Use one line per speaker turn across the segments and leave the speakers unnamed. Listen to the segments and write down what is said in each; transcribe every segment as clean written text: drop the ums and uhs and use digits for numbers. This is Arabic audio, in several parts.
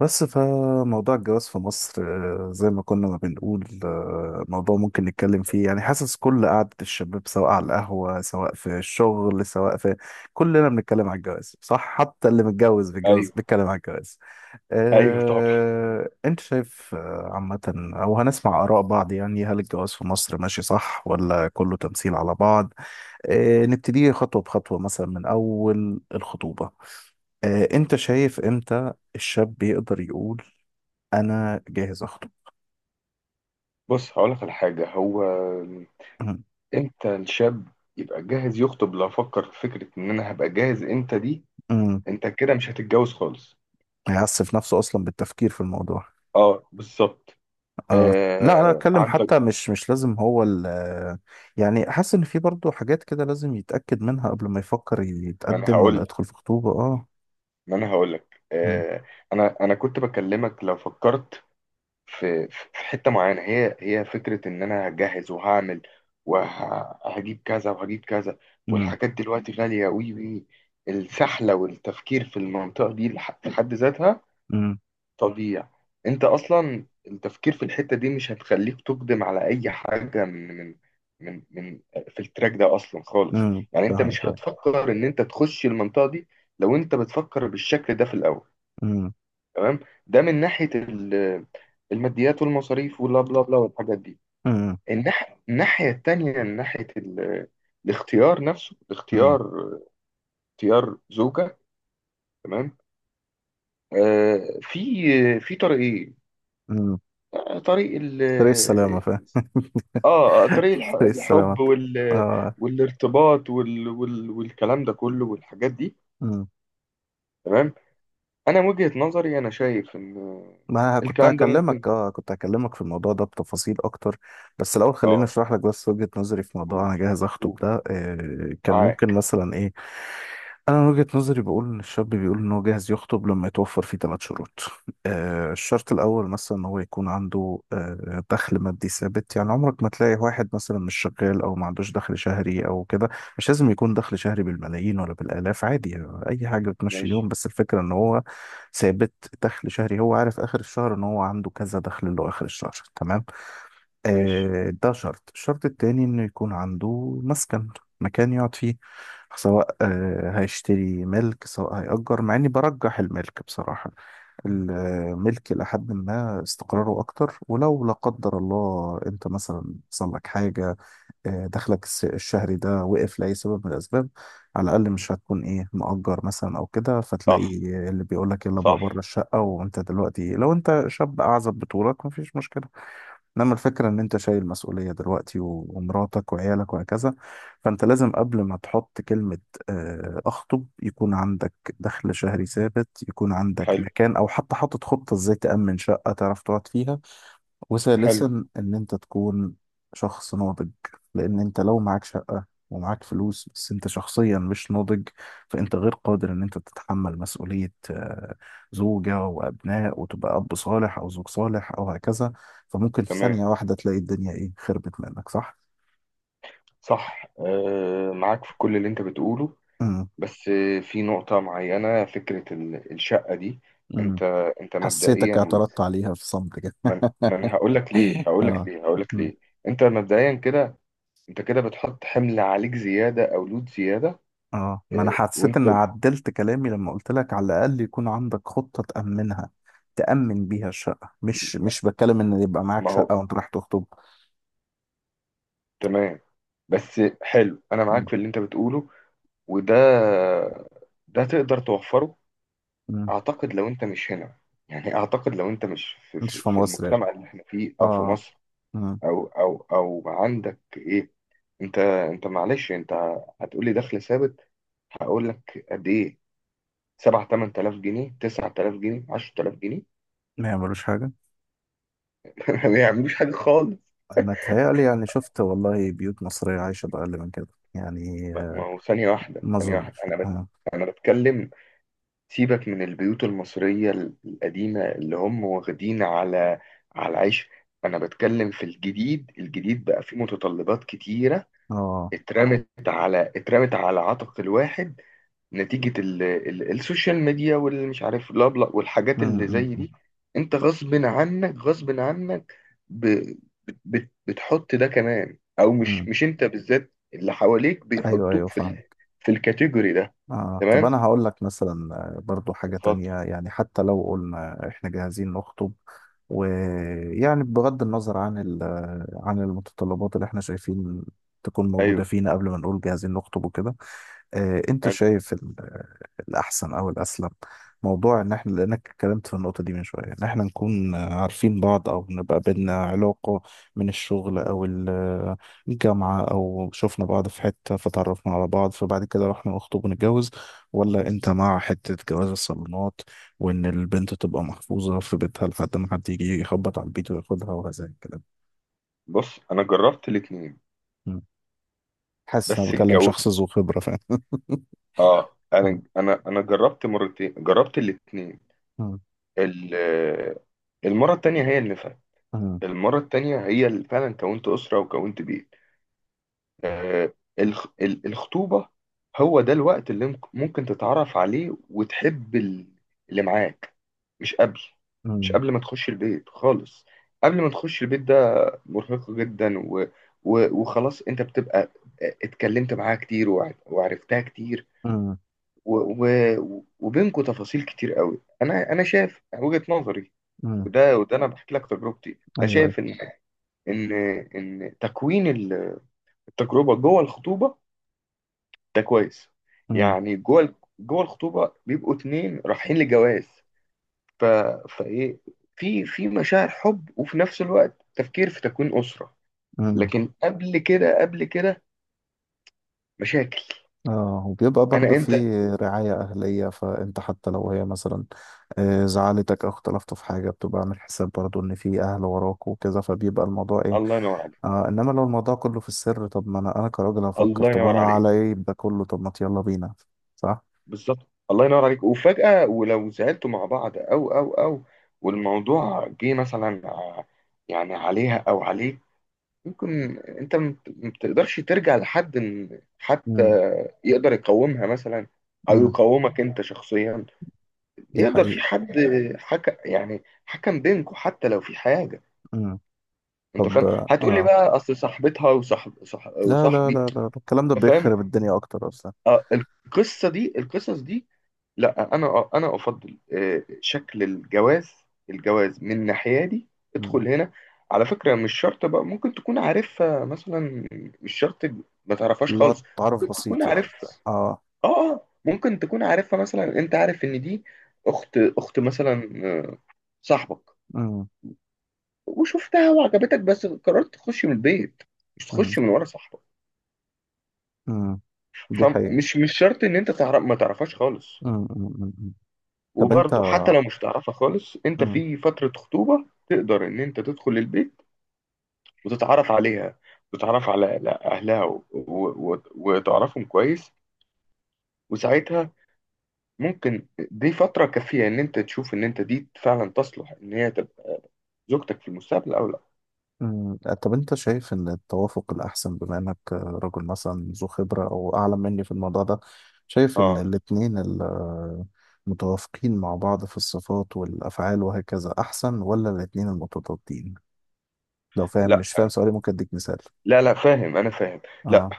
بس فموضوع الجواز في مصر زي ما كنا ما بنقول موضوع ممكن نتكلم فيه. يعني حاسس كل قعدة الشباب سواء على القهوة سواء في الشغل سواء في كلنا بنتكلم على الجواز، صح؟ حتى اللي متجوز بيتجوز
ايوه،
بيتكلم على الجواز.
ايوه، طبعا.
انت شايف عامة، او هنسمع آراء بعض؟ يعني هل الجواز في مصر ماشي صح، ولا كله تمثيل على بعض؟ نبتدي خطوة بخطوة، مثلا من أول الخطوبة. انت شايف امتى الشاب يقدر يقول انا جاهز اخطب؟
بص، هقول لك على حاجه. هو
أمم.
انت الشاب يبقى جاهز يخطب لو فكر في فكره ان انا هبقى جاهز امتى دي،
أمم.
انت كده مش هتتجوز خالص.
هيعسف نفسه اصلا بالتفكير في الموضوع.
اه، بالظبط.
آه. لا انا اتكلم،
عندك.
حتى مش لازم هو ال... يعني حاسس ان في برضه حاجات كده لازم يتاكد منها قبل ما يفكر
ما انا
يتقدم ولا
هقول
يدخل في خطوبه. اه.
ما انا هقول لك،
أمم.
انا كنت بكلمك لو فكرت في حتة معينة، هي فكرة إن أنا هجهز وهعمل وهجيب كذا وهجيب كذا.
أمم.
والحاجات دلوقتي غالية، وي وي، السحلة والتفكير في المنطقة دي في حد ذاتها
أمم.
تضييع. أنت أصلا التفكير في الحتة دي مش هتخليك تقدم على أي حاجة من من من من في التراك ده أصلا خالص.
أمم.
يعني أنت
فاهم
مش
كده.
هتفكر إن أنت تخش المنطقة دي لو أنت بتفكر بالشكل ده في الأول.
أمم.
تمام. ده من ناحيه الماديات والمصاريف واللا بلا بلا والحاجات دي.
أمم.
الناحيه التانيه من ناحيه الاختيار نفسه،
أمم.
الاختيار، اختيار زوجه. تمام. آه في في طريقين.
أمم.
آه، طريق ال
طريق السلامه، فاهم.
اه آه، طريق
طريق
الحب
السلامه. اه.
والارتباط، والكلام ده كله والحاجات دي.
مم.
تمام. انا من وجهة نظري، انا شايف ان
ما كنت
الكلام ده ممكن.
هكلمك، كنت هكلمك في الموضوع ده بتفاصيل اكتر. بس الاول خليني
اه،
اشرح لك بس وجهة نظري في موضوع
قول،
انا جاهز اخطب
قول،
ده. كان ممكن
معاك.
مثلا ايه؟ انا من وجهة نظري بقول ان الشاب بيقول ان هو جاهز يخطب لما يتوفر فيه ثلاث شروط. آه، الشرط الاول مثلا ان هو يكون عنده دخل مادي ثابت. يعني عمرك ما تلاقي واحد مثلا مش شغال او ما عندوش دخل شهري او كده. مش لازم يكون دخل شهري بالملايين ولا بالالاف، عادي، يعني اي حاجة بتمشي
ماشي،
اليوم، بس الفكرة ان هو ثابت. دخل شهري هو عارف اخر الشهر ان هو عنده كذا دخل له اخر الشهر، تمام.
ماشي.
ده شرط. الشرط التاني انه يكون عنده مسكن، مكان يقعد فيه. سواء هيشتري ملك سواء هيأجر، مع اني برجح الملك بصراحة. الملك لحد ما استقراره اكتر. ولو لا قدر الله انت مثلا حصل لك حاجة، دخلك الشهري ده وقف لأي سبب من الاسباب، على الاقل مش هتكون ايه مؤجر مثلا او كده، فتلاقي
صح،
اللي بيقول لك يلا بقى
صح.
بره الشقة. وانت دلوقتي لو انت شاب اعزب بطولك مفيش مشكلة، انما الفكره ان انت شايل مسؤوليه دلوقتي ومراتك وعيالك وهكذا. فانت لازم قبل ما تحط كلمه اخطب يكون عندك دخل شهري ثابت، يكون عندك
حلو،
مكان، او حتى حاطط خطه ازاي تامن شقه تعرف تقعد فيها.
حلو.
وثالثا ان انت تكون شخص ناضج. لان انت لو معاك شقة ومعاك فلوس بس انت شخصيا مش ناضج، فانت غير قادر ان انت تتحمل مسؤولية زوجة وابناء، وتبقى اب صالح او زوج صالح او هكذا. فممكن في
تمام.
ثانية واحدة تلاقي الدنيا ايه خربت منك، صح؟
صح، معاك في كل اللي انت بتقوله.
امم.
بس في نقطة معينة، فكرة الشقة دي،
امم.
انت انت
حسيتك
مبدئيا.
اعترضت عليها في صمت كده.
من من هقول لك ليه، هقول لك
اه.
ليه، هقول لك
امم.
ليه. انت مبدئيا كده، انت كده بتحط حمل عليك زيادة او لود زيادة.
اه، ما انا
آه،
حسيت
وانت
ان عدلت كلامي لما قلت لك على الاقل يكون عندك خطة تأمنها، تأمن بيها الشقة. مش بتكلم ان يبقى معاك
ما هو
شقة وانت رايح تخطب.
تمام. بس، حلو. انا معاك
م-
في اللي انت بتقوله. وده تقدر توفره.
م.
أعتقد لو أنت مش هنا، يعني أعتقد لو أنت مش في,
مش
في,
في
في
مصر يعني.
المجتمع اللي إحنا فيه، أو في
اه.
مصر.
م.
أو أو أو عندك إيه. أنت أنت معلش، أنت هتقولي دخل ثابت. هقول لك قد إيه. 7 8000 جنيه، 9000 جنيه، 10000 جنيه.
ما يعملوش حاجة.
ما بيعملوش حاجة خالص.
انا اتهيألي يعني، شفت والله بيوت مصرية عايشة بأقل من كده. يعني
ما هو، ثانية واحدة،
ما
ثانية واحدة،
اظنش. اه.
أنا بتكلم. سيبك من البيوت المصرية القديمة اللي هم واخدين على العيش. أنا بتكلم في الجديد. الجديد بقى فيه متطلبات كتيرة
اه.
اترمت على عاتق الواحد نتيجة السوشيال ميديا والمش عارف لا بلا
م-
والحاجات اللي
م-
زي
م-
دي. انت غصب عنك، غصب عنك، ب... بتحط ده كمان، او
م.
مش انت بالذات، اللي حواليك
ايوه ايوه،
بيحطوك
فاهم.
في الكاتيجوري ده.
آه. طب
تمام.
أنا هقول لك مثلا برضو حاجة
اتفضل.
تانية. يعني حتى لو قلنا إحنا جاهزين نخطب، ويعني بغض النظر عن عن المتطلبات اللي إحنا شايفين تكون موجودة
ايوه،
فينا قبل ما نقول جاهزين نخطب وكده، انت
حلو.
شايف الاحسن او الاسلم، موضوع ان احنا، لانك اتكلمت في النقطه دي من شويه، ان احنا نكون عارفين بعض او نبقى بينا علاقه من الشغل او الجامعه او شفنا بعض في حته فتعرفنا على بعض، فبعد كده رحنا نخطب ونتجوز؟ ولا انت مع حته جواز الصالونات، وان البنت تبقى محفوظه في بيتها لحد ما حد يجي يخبط على البيت وياخدها وهذا الكلام؟
بص، انا جربت الاتنين.
مم. حاسس ان انا
بس
بكلم
الجو
شخص ذو خبره، فاهم.
اه انا جربت مرتين، جربت الاتنين.
مم. مم.
ال- المرة التانية هي اللي المرة التانية هي اللي فعلا كونت أسرة وكونت بيت. آه، الخطوبة هو ده الوقت اللي ممكن تتعرف عليه وتحب اللي معاك. مش قبل مش
مم.
قبل ما تخش البيت خالص. قبل ما تخش البيت ده مرهقة جدا. وخلاص، انت بتبقى، اتكلمت معاها كتير وعرفتها كتير،
مم.
و... وبينكوا تفاصيل كتير قوي. انا شايف وجهة نظري.
امم.
وده انا بحكي لك تجربتي. انا
ايوه ايوه.
شايف ان ان تكوين التجربه جوه الخطوبه ده كويس.
امم.
يعني جوه الخطوبه بيبقوا اتنين رايحين لجواز. ف... فايه في مشاعر حب وفي نفس الوقت تفكير في تكوين اسره.
امم.
لكن قبل كده، قبل كده، مشاكل.
اه. وبيبقى برضه
انا انت
في رعاية أهلية، فأنت حتى لو هي مثلا زعلتك أو اختلفتوا في حاجة، بتبقى عامل حساب برضه إن في أهل وراك وكذا، فبيبقى الموضوع إيه.
الله ينور عليك،
آه، إنما لو الموضوع كله في السر، طب ما أنا كراجل هفكر،
الله
طب
ينور
أنا
عليك.
على إيه ده كله؟ طب ما يلا بينا، صح؟
بالظبط، الله ينور عليك. وفجأة، ولو زعلتوا مع بعض او او او والموضوع جه مثلا يعني عليها او عليك، ممكن انت ما بتقدرش ترجع لحد، إن حتى
امم.
يقدر يقومها مثلا، او
امم.
يقومك انت شخصيا.
دي
يقدر في
حقيقة.
حد حكم، يعني حكم بينكم حتى لو في حاجه.
امم.
انت
طب.
فاهم، هتقول لي
آه.
بقى اصل صاحبتها
لا لا
وصاحبي.
لا لا، الكلام ده
انت فاهم.
بيخرب الدنيا أكتر أصلا.
آه، القصه دي، القصص دي. لا، انا افضل شكل الجواز. الجواز من ناحيتي،
امم.
ادخل هنا. على فكره، مش شرط بقى، ممكن تكون عارفها مثلا، مش شرط، ما تعرفهاش
اللي هو
خالص.
تعرف
ممكن تكون
بسيط يعني.
عارفها
اه.
ممكن تكون عارفها مثلا، انت عارف ان دي اخت مثلا صاحبك،
امم.
وشفتها وعجبتك، بس قررت تخش من البيت، مش تخش من ورا صاحبك.
امم. دي حقيقة.
فمش مش شرط ان انت تعرف، ما تعرفهاش خالص.
امم. امم. أمم. طب انت.
وبرضه، حتى لو مش تعرفها خالص، انت
امم.
في فترة خطوبة تقدر ان انت تدخل البيت وتتعرف عليها، وتتعرف على اهلها، وتعرفهم كويس. وساعتها، ممكن دي فترة كافية ان انت تشوف ان انت دي فعلا تصلح ان هي تبقى زوجتك في المستقبل او لا.
أمم. طب، انت شايف ان التوافق الاحسن، بما انك رجل مثلا ذو خبرة او اعلم مني في الموضوع ده، شايف ان
اه.
الاتنين متوافقين مع بعض في الصفات والافعال وهكذا احسن، ولا الاتنين المتضادين؟ لو فاهم
لا،
مش فاهم سؤالي ممكن اديك مثال.
لا، لا، فاهم. انا فاهم. لا،
اه.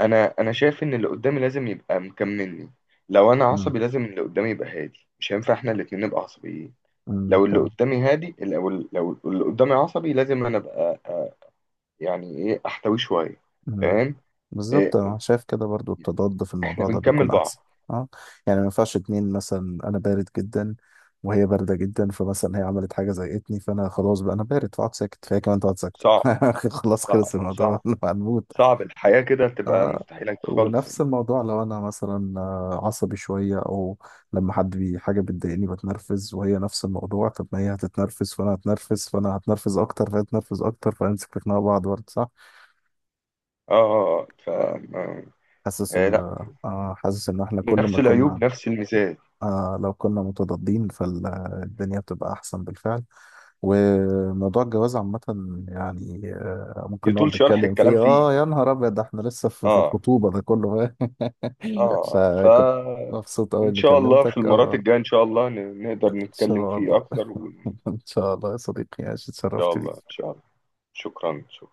انا شايف ان اللي قدامي لازم يبقى مكملني. لو انا
امم.
عصبي، لازم اللي قدامي يبقى هادي. مش هينفع احنا الاتنين نبقى عصبيين.
امم.
لو اللي قدامي عصبي، لازم انا ابقى يعني ايه، احتويه شويه.
كلام.
تمام.
بالظبط،
إيه،
انا شايف كده برضو التضاد في
احنا
الموضوع ده
بنكمل
بيكون
بعض.
احسن. اه. يعني ما ينفعش اتنين مثلا انا بارد جدا وهي بارده جدا، فمثلا هي عملت حاجه زهقتني فانا خلاص، بقى انا بارد فاقعد ساكت، فهي كمان تقعد ساكته.
صعب،
خلاص،
صعب،
خلص الموضوع.
صعب،
انا هنموت.
صعب. الحياه كده تبقى
آه.
مستحيله خالص
ونفس
يعني.
الموضوع لو انا مثلا عصبي شويه، او لما حد بي حاجه بتضايقني بتنرفز، وهي نفس الموضوع، طب ما هي هتتنرفز فانا هتنرفز، فانا هتنرفز اكتر، فهي هتنرفز اكتر، فهنمسك في خناقه بعض برضه، صح؟
اه، اه. آه، ف آه،
حاسس
آه،
ال
لا،
آه، حاسس ان احنا كل ما
نفس
كنا...
العيوب، نفس الميزات.
آه، لو كنا متضادين فالدنيا بتبقى أحسن بالفعل. وموضوع الجواز عامة، يعني آه ممكن
يطول
نقعد
شرح
نتكلم
الكلام
فيه،
فيه.
آه يا نهار أبيض ده، إحنا لسه في
اه،
الخطوبة ده كله.
اه.
فكنت مبسوط أوي
ان
إني
شاء الله في
كلمتك.
المرات
آه.
الجايه، ان شاء الله
إن
نقدر نتكلم
شاء
فيه
الله.
اكتر، وان
إن شاء الله يا صديقي عايش،
شاء
اتشرفت
الله، ان
بيك.
شاء الله. شكرا، شكرا.